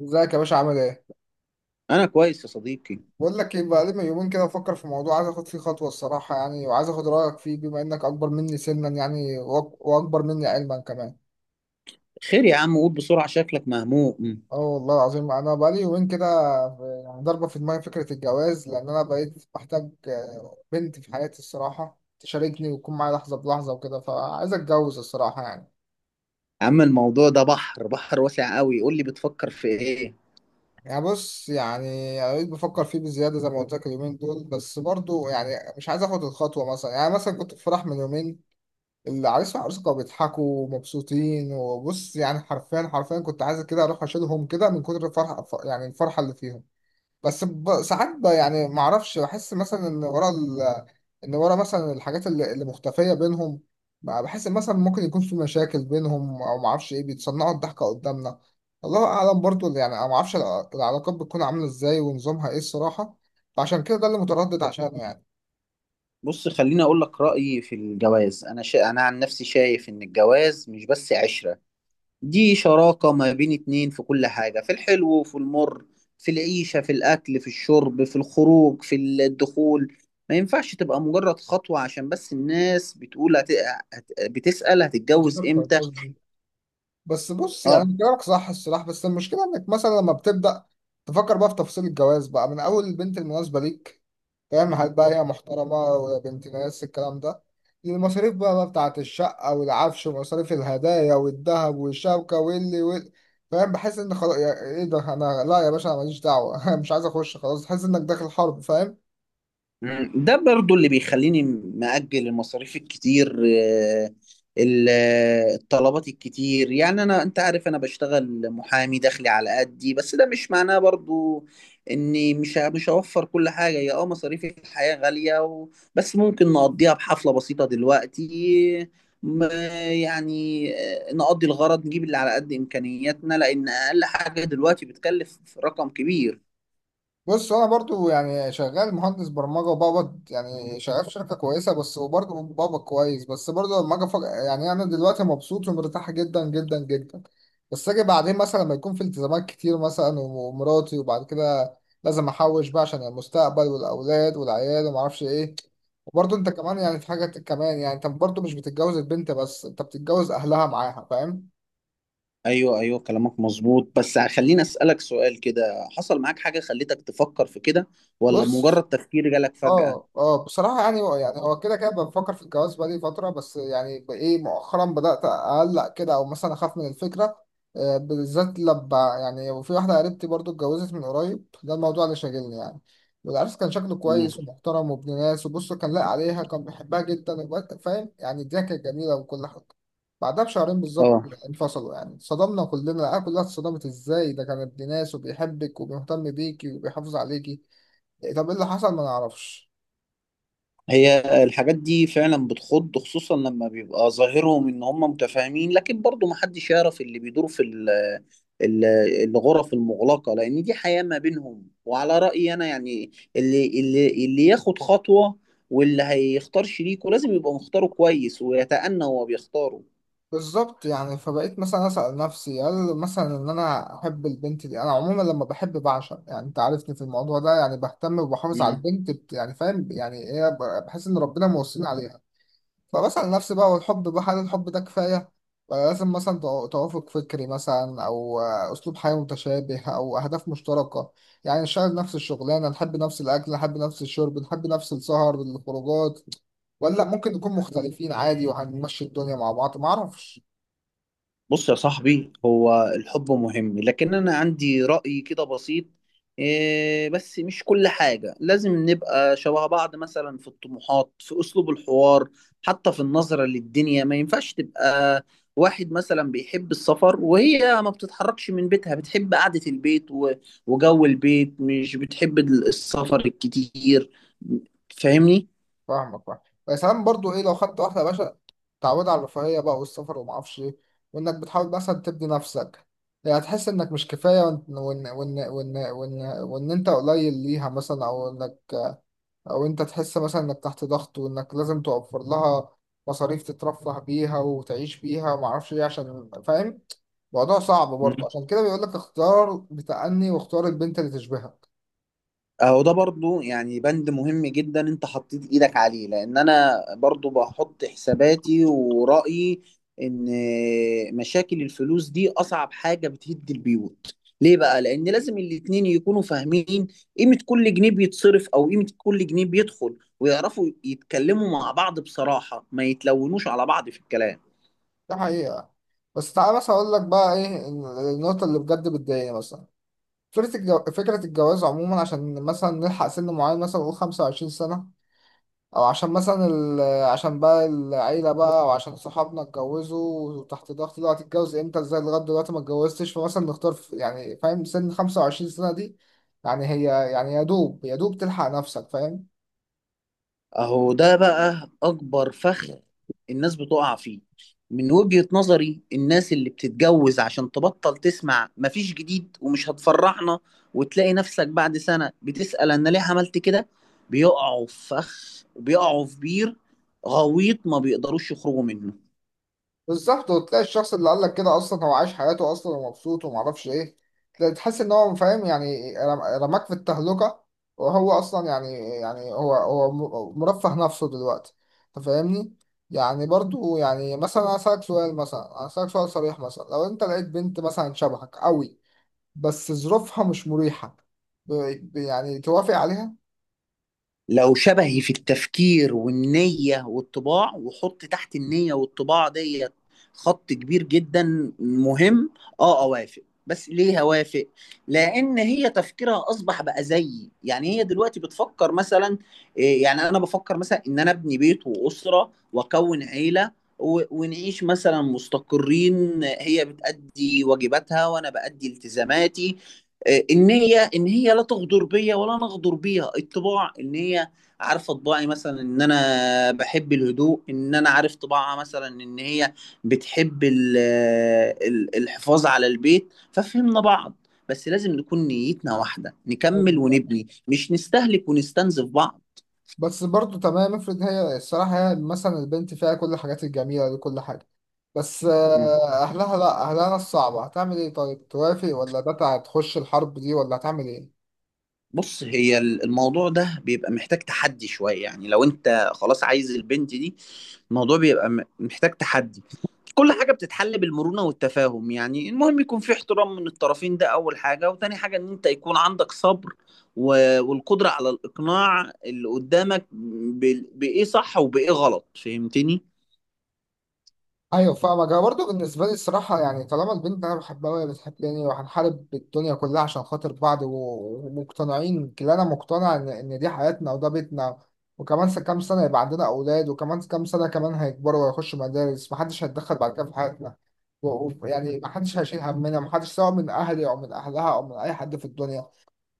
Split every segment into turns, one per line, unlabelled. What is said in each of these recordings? ازيك يا باشا عامل ايه؟
انا كويس يا صديقي.
بقول لك ايه بقى لي من يومين كده بفكر في موضوع عايز اخد فيه خطوة الصراحة يعني وعايز اخد رأيك فيه بما انك اكبر مني سنا يعني واكبر مني علما كمان.
خير يا عم، قول بسرعة، شكلك مهموم.
اه والله العظيم انا بقى لي يومين كده يعني ضاربة في دماغي فكرة الجواز لان انا بقيت بحتاج بنت في حياتي الصراحة تشاركني وتكون معايا لحظة بلحظة وكده فعايز اتجوز الصراحة يعني.
يا عم، الموضوع ده بحر، بحر واسع قوي. قول لي، بتفكر في ايه؟
يعني بص يعني انا بقيت بفكر فيه بزياده زي ما قلت لك اليومين دول بس برضو يعني مش عايز اخد الخطوه مثلا يعني مثلا كنت في فرح من يومين. العريس والعروسة كانوا بيضحكوا ومبسوطين وبص يعني حرفيا حرفيا كنت عايز كده اروح اشيلهم كده من كتر الفرحة يعني الفرحة اللي فيهم. بس ساعات يعني ما اعرفش بحس مثلا ان ورا ان ورا مثلا الحاجات اللي مختفية بينهم. بقى بحس إن مثلا ممكن يكون في مشاكل بينهم او ما اعرفش ايه بيتصنعوا الضحكة قدامنا. الله اعلم برضو اللي يعني أنا ما اعرفش العلاقات بتكون عاملة ازاي ونظامها ايه الصراحة. فعشان كده ده اللي متردد عشان يعني.
بص، خليني اقول لك رأيي في الجواز. انا عن نفسي شايف ان الجواز مش بس عشرة. دي شراكة ما بين اتنين في كل حاجة، في الحلو وفي المر، في العيشة، في الاكل، في الشرب، في الخروج، في الدخول. ما ينفعش تبقى مجرد خطوة عشان بس الناس بتقول، بتسأل هتتجوز امتى؟
بس بص يعني
اه.
انت كلامك صح الصراحة بس المشكلة انك مثلا لما بتبدأ تفكر بقى في تفاصيل الجواز بقى من اول البنت المناسبة ليك، فاهم؟ هل بقى هي محترمة ولا بنت ناس الكلام ده، المصاريف بقى بتاعة الشقة والعفش ومصاريف الهدايا والذهب والشبكة فاهم؟ بحس ان خلاص ايه ده، انا لا يا باشا أنا ماليش دعوة مش عايز اخش خلاص، تحس انك داخل حرب، فاهم؟
مم. ده برضو اللي بيخليني مأجل المصاريف الكتير، الطلبات الكتير. يعني انت عارف انا بشتغل محامي، دخلي على قدي، بس ده مش معناه برضو اني مش هوفر كل حاجة. هي مصاريف الحياة غالية بس ممكن نقضيها بحفلة بسيطة دلوقتي. م- يعني نقضي الغرض، نجيب اللي على قد إمكانياتنا، لأن أقل حاجة دلوقتي بتكلف رقم كبير.
بص انا برضو يعني شغال مهندس برمجه وبقبض يعني شغال في شركه كويسه بس وبرضو بقبض كويس، بس برضو لما اجي يعني انا دلوقتي مبسوط ومرتاح جدا جدا جدا. بس اجي بعدين مثلا لما يكون في التزامات كتير مثلا ومراتي وبعد كده لازم احوش بقى عشان المستقبل والاولاد والعيال وما اعرفش ايه. وبرضو انت كمان يعني في حاجه كمان، يعني انت برضو مش بتتجوز البنت بس، انت بتتجوز اهلها معاها، فاهم؟
ايوه، ايوه، كلامك مظبوط. بس خليني اسالك سؤال كده، حصل معاك حاجه خلتك تفكر في كده، ولا مجرد
بص،
تفكير جالك فجأة؟
اه اه بصراحة يعني هو يعني هو كده كده بفكر في الجواز بقالي فترة، بس يعني ايه مؤخرا بدأت أقلق كده أو مثلا أخاف من الفكرة بالذات لما يعني وفي واحدة قريبتي برضو اتجوزت من قريب، ده الموضوع اللي شاغلني يعني. والعرس كان شكله كويس
مم.
ومحترم وابن ناس وبص، كان لاقي عليها، كان بيحبها جدا فاهم؟ يعني الدنيا كانت جميلة وكل حاجة. بعدها بشهرين بالظبط
اه،
انفصلوا. يعني صدمنا كلنا، العيال كلها اتصدمت ازاي ده كان ابن ناس وبيحبك وبيهتم بيكي وبيحافظ عليكي، طب ايه اللي حصل؟ ما نعرفش.
هي الحاجات دي فعلا بتخض، خصوصا لما بيبقى ظاهرهم ان هم متفاهمين، لكن برضو محدش يعرف اللي بيدور في ال- الغرف المغلقه. لان دي حياه ما بينهم. وعلى رايي انا يعني، اللي ياخد خطوه واللي هيختار شريكه لازم يبقى مختاره كويس ويتأنى وهو بيختاره.
بالظبط، يعني فبقيت مثلا أسأل نفسي هل مثلا إن أنا أحب البنت دي، أنا عموما لما بحب بعشق يعني أنت عارفني في الموضوع ده، يعني بهتم وبحافظ على البنت يعني فاهم؟ يعني إيه بحس إن ربنا موصيني عليها. فبسأل نفسي بقى، هو الحب بقى هل الحب ده كفاية؟ ولا لازم مثلا توافق فكري مثلا أو أسلوب حياة متشابه أو أهداف مشتركة، يعني نشتغل نفس الشغلانة نحب نفس الأكل نحب نفس الشرب نحب نفس السهر الخروجات، ولا ممكن نكون مختلفين عادي وهنمشي الدنيا مع بعض؟ معرفش.
بص يا صاحبي، هو الحب مهم، لكن أنا عندي رأي كده بسيط. إيه، بس مش كل حاجة لازم نبقى شبه بعض، مثلا في الطموحات، في أسلوب الحوار، حتى في النظرة للدنيا. ما ينفعش تبقى واحد مثلا بيحب السفر وهي ما بتتحركش من بيتها، بتحب قعدة البيت وجو البيت، مش بتحب السفر الكتير. فاهمني؟
فاهمك فاهم. بس ساعات برضو ايه، لو خدت واحده يا باشا تعود على الرفاهيه بقى والسفر وما اعرفش ايه، وانك بتحاول مثلا تبني نفسك، يعني هتحس انك مش كفايه وان وإن انت قليل ليها مثلا او انك او انت تحس مثلا انك تحت ضغط وانك لازم توفر لها مصاريف تترفه بيها وتعيش بيها وما اعرفش ايه عشان، فاهم؟ موضوع صعب برضو، عشان كده بيقول لك اختار بتأني واختار البنت اللي تشبهك.
اهو ده برضو يعني بند مهم جدا، انت حطيت ايدك عليه، لان انا برضو بحط حساباتي ورأيي ان مشاكل الفلوس دي اصعب حاجة بتهد البيوت. ليه بقى؟ لان لازم الاتنين يكونوا فاهمين قيمة كل جنيه بيتصرف، او قيمة كل جنيه بيدخل، ويعرفوا يتكلموا مع بعض بصراحة، ما يتلونوش على بعض في الكلام.
ده حقيقه. بس تعالى مثلا اقول لك بقى ايه، النقطه اللي بجد بتضايقني مثلا فكرة فكرة الجواز عموما عشان مثلا نلحق سن معين، مثلا نقول 25 سنة، أو عشان مثلا عشان بقى العيلة بقى أو عشان صحابنا اتجوزوا وتحت ضغط دلوقتي، اتجوز امتى ازاي لغاية دلوقتي ما اتجوزتش، فمثلا نختار يعني فاهم؟ سن 25 سنة دي يعني هي يعني يا دوب يا دوب تلحق نفسك، فاهم؟
اهو ده بقى اكبر فخ الناس بتقع فيه. من وجهة نظري، الناس اللي بتتجوز عشان تبطل تسمع مفيش جديد، ومش هتفرحنا، وتلاقي نفسك بعد سنة بتسأل انا ليه عملت كده. بيقعوا في فخ وبيقعوا في بير غويط ما بيقدروش يخرجوا منه.
بالظبط، وتلاقي الشخص اللي قال لك كده اصلا هو عايش حياته اصلا ومبسوط وما اعرفش ايه. تحس ان هو فاهم يعني رماك في التهلكه، وهو اصلا يعني، يعني هو هو مرفه نفسه دلوقتي، انت فاهمني؟ يعني برضو يعني مثلا انا اسالك سؤال، مثلا انا اسالك سؤال صريح، مثلا لو انت لقيت بنت مثلا شبهك قوي بس ظروفها مش مريحه، يعني توافق
لو شبهي في التفكير والنية والطباع، وحط تحت النية والطباع ديت خط كبير جدا مهم. اه، اوافق. بس ليه هوافق؟ لأن هي تفكيرها أصبح بقى زيي، يعني هي دلوقتي بتفكر مثلا. إيه، يعني أنا بفكر مثلا إن أنا أبني بيت وأسرة وأكون عيلة، ونعيش مثلا مستقرين. هي بتأدي واجباتها وأنا بأدي التزاماتي. ان هي لا تغدر بيا ولا انا اغدر بيها. الطباع ان هي عارفه طباعي مثلا، ان انا بحب الهدوء، ان انا عارف طباعها مثلا، ان هي بتحب الحفاظ على البيت. ففهمنا بعض. بس لازم نكون نيتنا واحده، نكمل
عليها؟
ونبني، مش نستهلك ونستنزف بعض.
بس برضو تمام، افرض هي الصراحة هي مثلا البنت فيها كل الحاجات الجميلة دي كل حاجة، بس
مم.
أهلها لأ، أهلها الصعبة، هتعمل إيه؟ طيب توافق ولا ده هتخش الحرب دي ولا هتعمل إيه؟
بص، هي الموضوع ده بيبقى محتاج تحدي شويه، يعني لو انت خلاص عايز البنت دي الموضوع بيبقى محتاج تحدي. كل حاجة بتتحل بالمرونة والتفاهم، يعني المهم يكون في احترام من الطرفين، ده أول حاجة، وتاني حاجة إن أنت يكون عندك صبر والقدرة على الإقناع اللي قدامك بإيه صح وبإيه غلط. فهمتني؟
ايوه فاهمك. انا برضه بالنسبه لي الصراحه يعني طالما البنت اللي انا بحبها وهي بتحبني وهنحارب الدنيا كلها عشان خاطر بعض ومقتنعين كلنا، انا مقتنع ان ان دي حياتنا وده بيتنا، وكمان كام سنه يبقى عندنا اولاد، وكمان كام سنه كمان هيكبروا ويخشوا مدارس، محدش هيتدخل بعد كده في حياتنا، يعني محدش هيشيل همنا، محدش سواء من اهلي او من اهلها او من اي حد في الدنيا.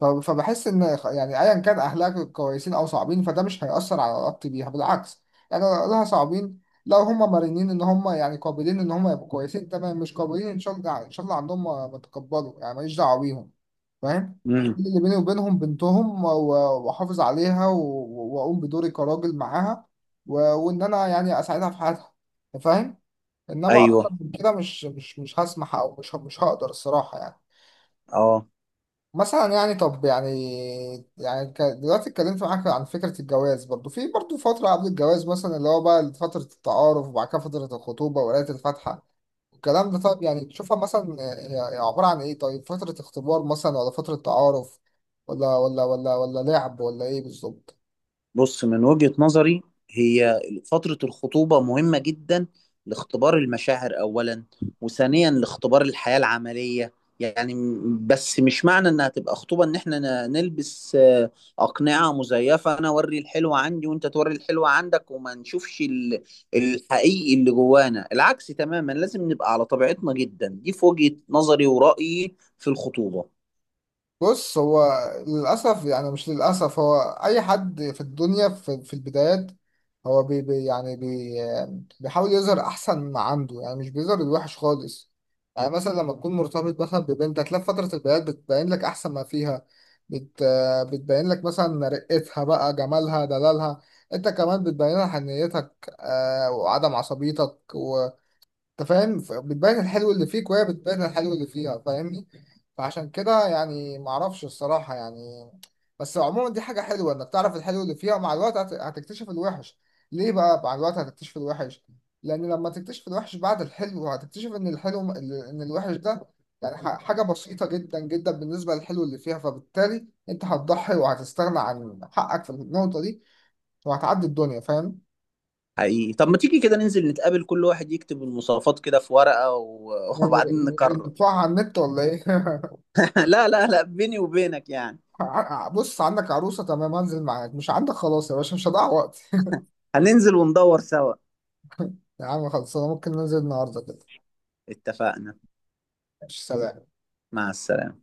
فبحس ان يعني ايا كان اهلها كويسين او صعبين فده مش هيأثر على علاقتي بيها، بالعكس. يعني لو اهلها صعبين، لو هم مرنين ان هم يعني قابلين ان هم يبقوا كويسين تمام، مش قابلين ان شاء الله يعني ان شاء الله عندهم ما ما تكبروا يعني، ماليش دعوه بيهم، فاهم؟
امم.
اللي بيني وبينهم بنتهم واحافظ عليها واقوم بدوري كراجل معاها، وان انا يعني اساعدها في حياتها، فاهم؟ انما اكتر
ايوه.
من كده مش هسمح او مش هقدر الصراحه يعني.
اه،
مثلا يعني طب يعني، يعني دلوقتي اتكلمت معاك عن فكرة الجواز، برضو في برضو فترة قبل الجواز مثلا اللي هو بقى فترة التعارف وبعد كده فترة الخطوبة وقراية الفاتحة الكلام ده، طب يعني تشوفها مثلا هي عبارة عن ايه؟ طيب فترة اختبار مثلا ولا فترة تعارف ولا لعب ولا ايه بالظبط؟
بص من وجهة نظري هي فترة الخطوبة مهمة جدا، لاختبار المشاعر أولا، وثانيا لاختبار الحياة العملية. يعني بس مش معنى إنها تبقى خطوبة إن إحنا نلبس أقنعة مزيفة، أنا أوري الحلوة عندي وأنت توري الحلوة عندك، وما نشوفش الحقيقي اللي جوانا. العكس تماما، لازم نبقى على طبيعتنا جدا. دي في وجهة نظري ورأيي في الخطوبة.
بص هو، للأسف يعني مش للأسف هو، أي حد في الدنيا في البدايات، هو بي بي يعني بي بيحاول يظهر أحسن ما عنده، يعني مش بيظهر الوحش خالص. يعني مثلا لما تكون مرتبط مثلا ببنت، هتلاقي في فترة البدايات بتبين لك أحسن ما فيها، بت بتبين لك مثلا رقتها بقى جمالها دلالها. أنت كمان بتبين لها حنيتك وعدم عصبيتك، انت فاهم؟ بتبان الحلو اللي فيك وهي بتبان الحلو اللي فيها، فاهمني؟ فعشان كده يعني معرفش الصراحة يعني، بس عموما دي حاجة حلوة انك تعرف الحلو اللي فيها، ومع الوقت هتكتشف الوحش. ليه بقى مع الوقت هتكتشف الوحش؟ لان لما تكتشف الوحش بعد الحلو هتكتشف ان الحلو ان الوحش ده يعني حاجة بسيطة جدا جدا بالنسبة للحلو اللي فيها، فبالتالي انت هتضحي وهتستغنى عن حقك في النقطة دي وهتعدي الدنيا، فاهم؟
حقيقي. طب ما تيجي كده ننزل نتقابل، كل واحد يكتب المواصفات كده في ورقة
يعني
وبعدين نقرر.
ندفعها على النت ولا ايه؟
لا، لا، لا، بيني وبينك يعني
ع- بص، عندك عروسة تمام هنزل معاك، مش عندك خلاص يا باشا مش هضيع وقت.
هننزل وندور سوا.
يا عم خلصانة، ممكن ننزل النهاردة كده.
اتفقنا.
ماشي، سلام.
مع السلامة.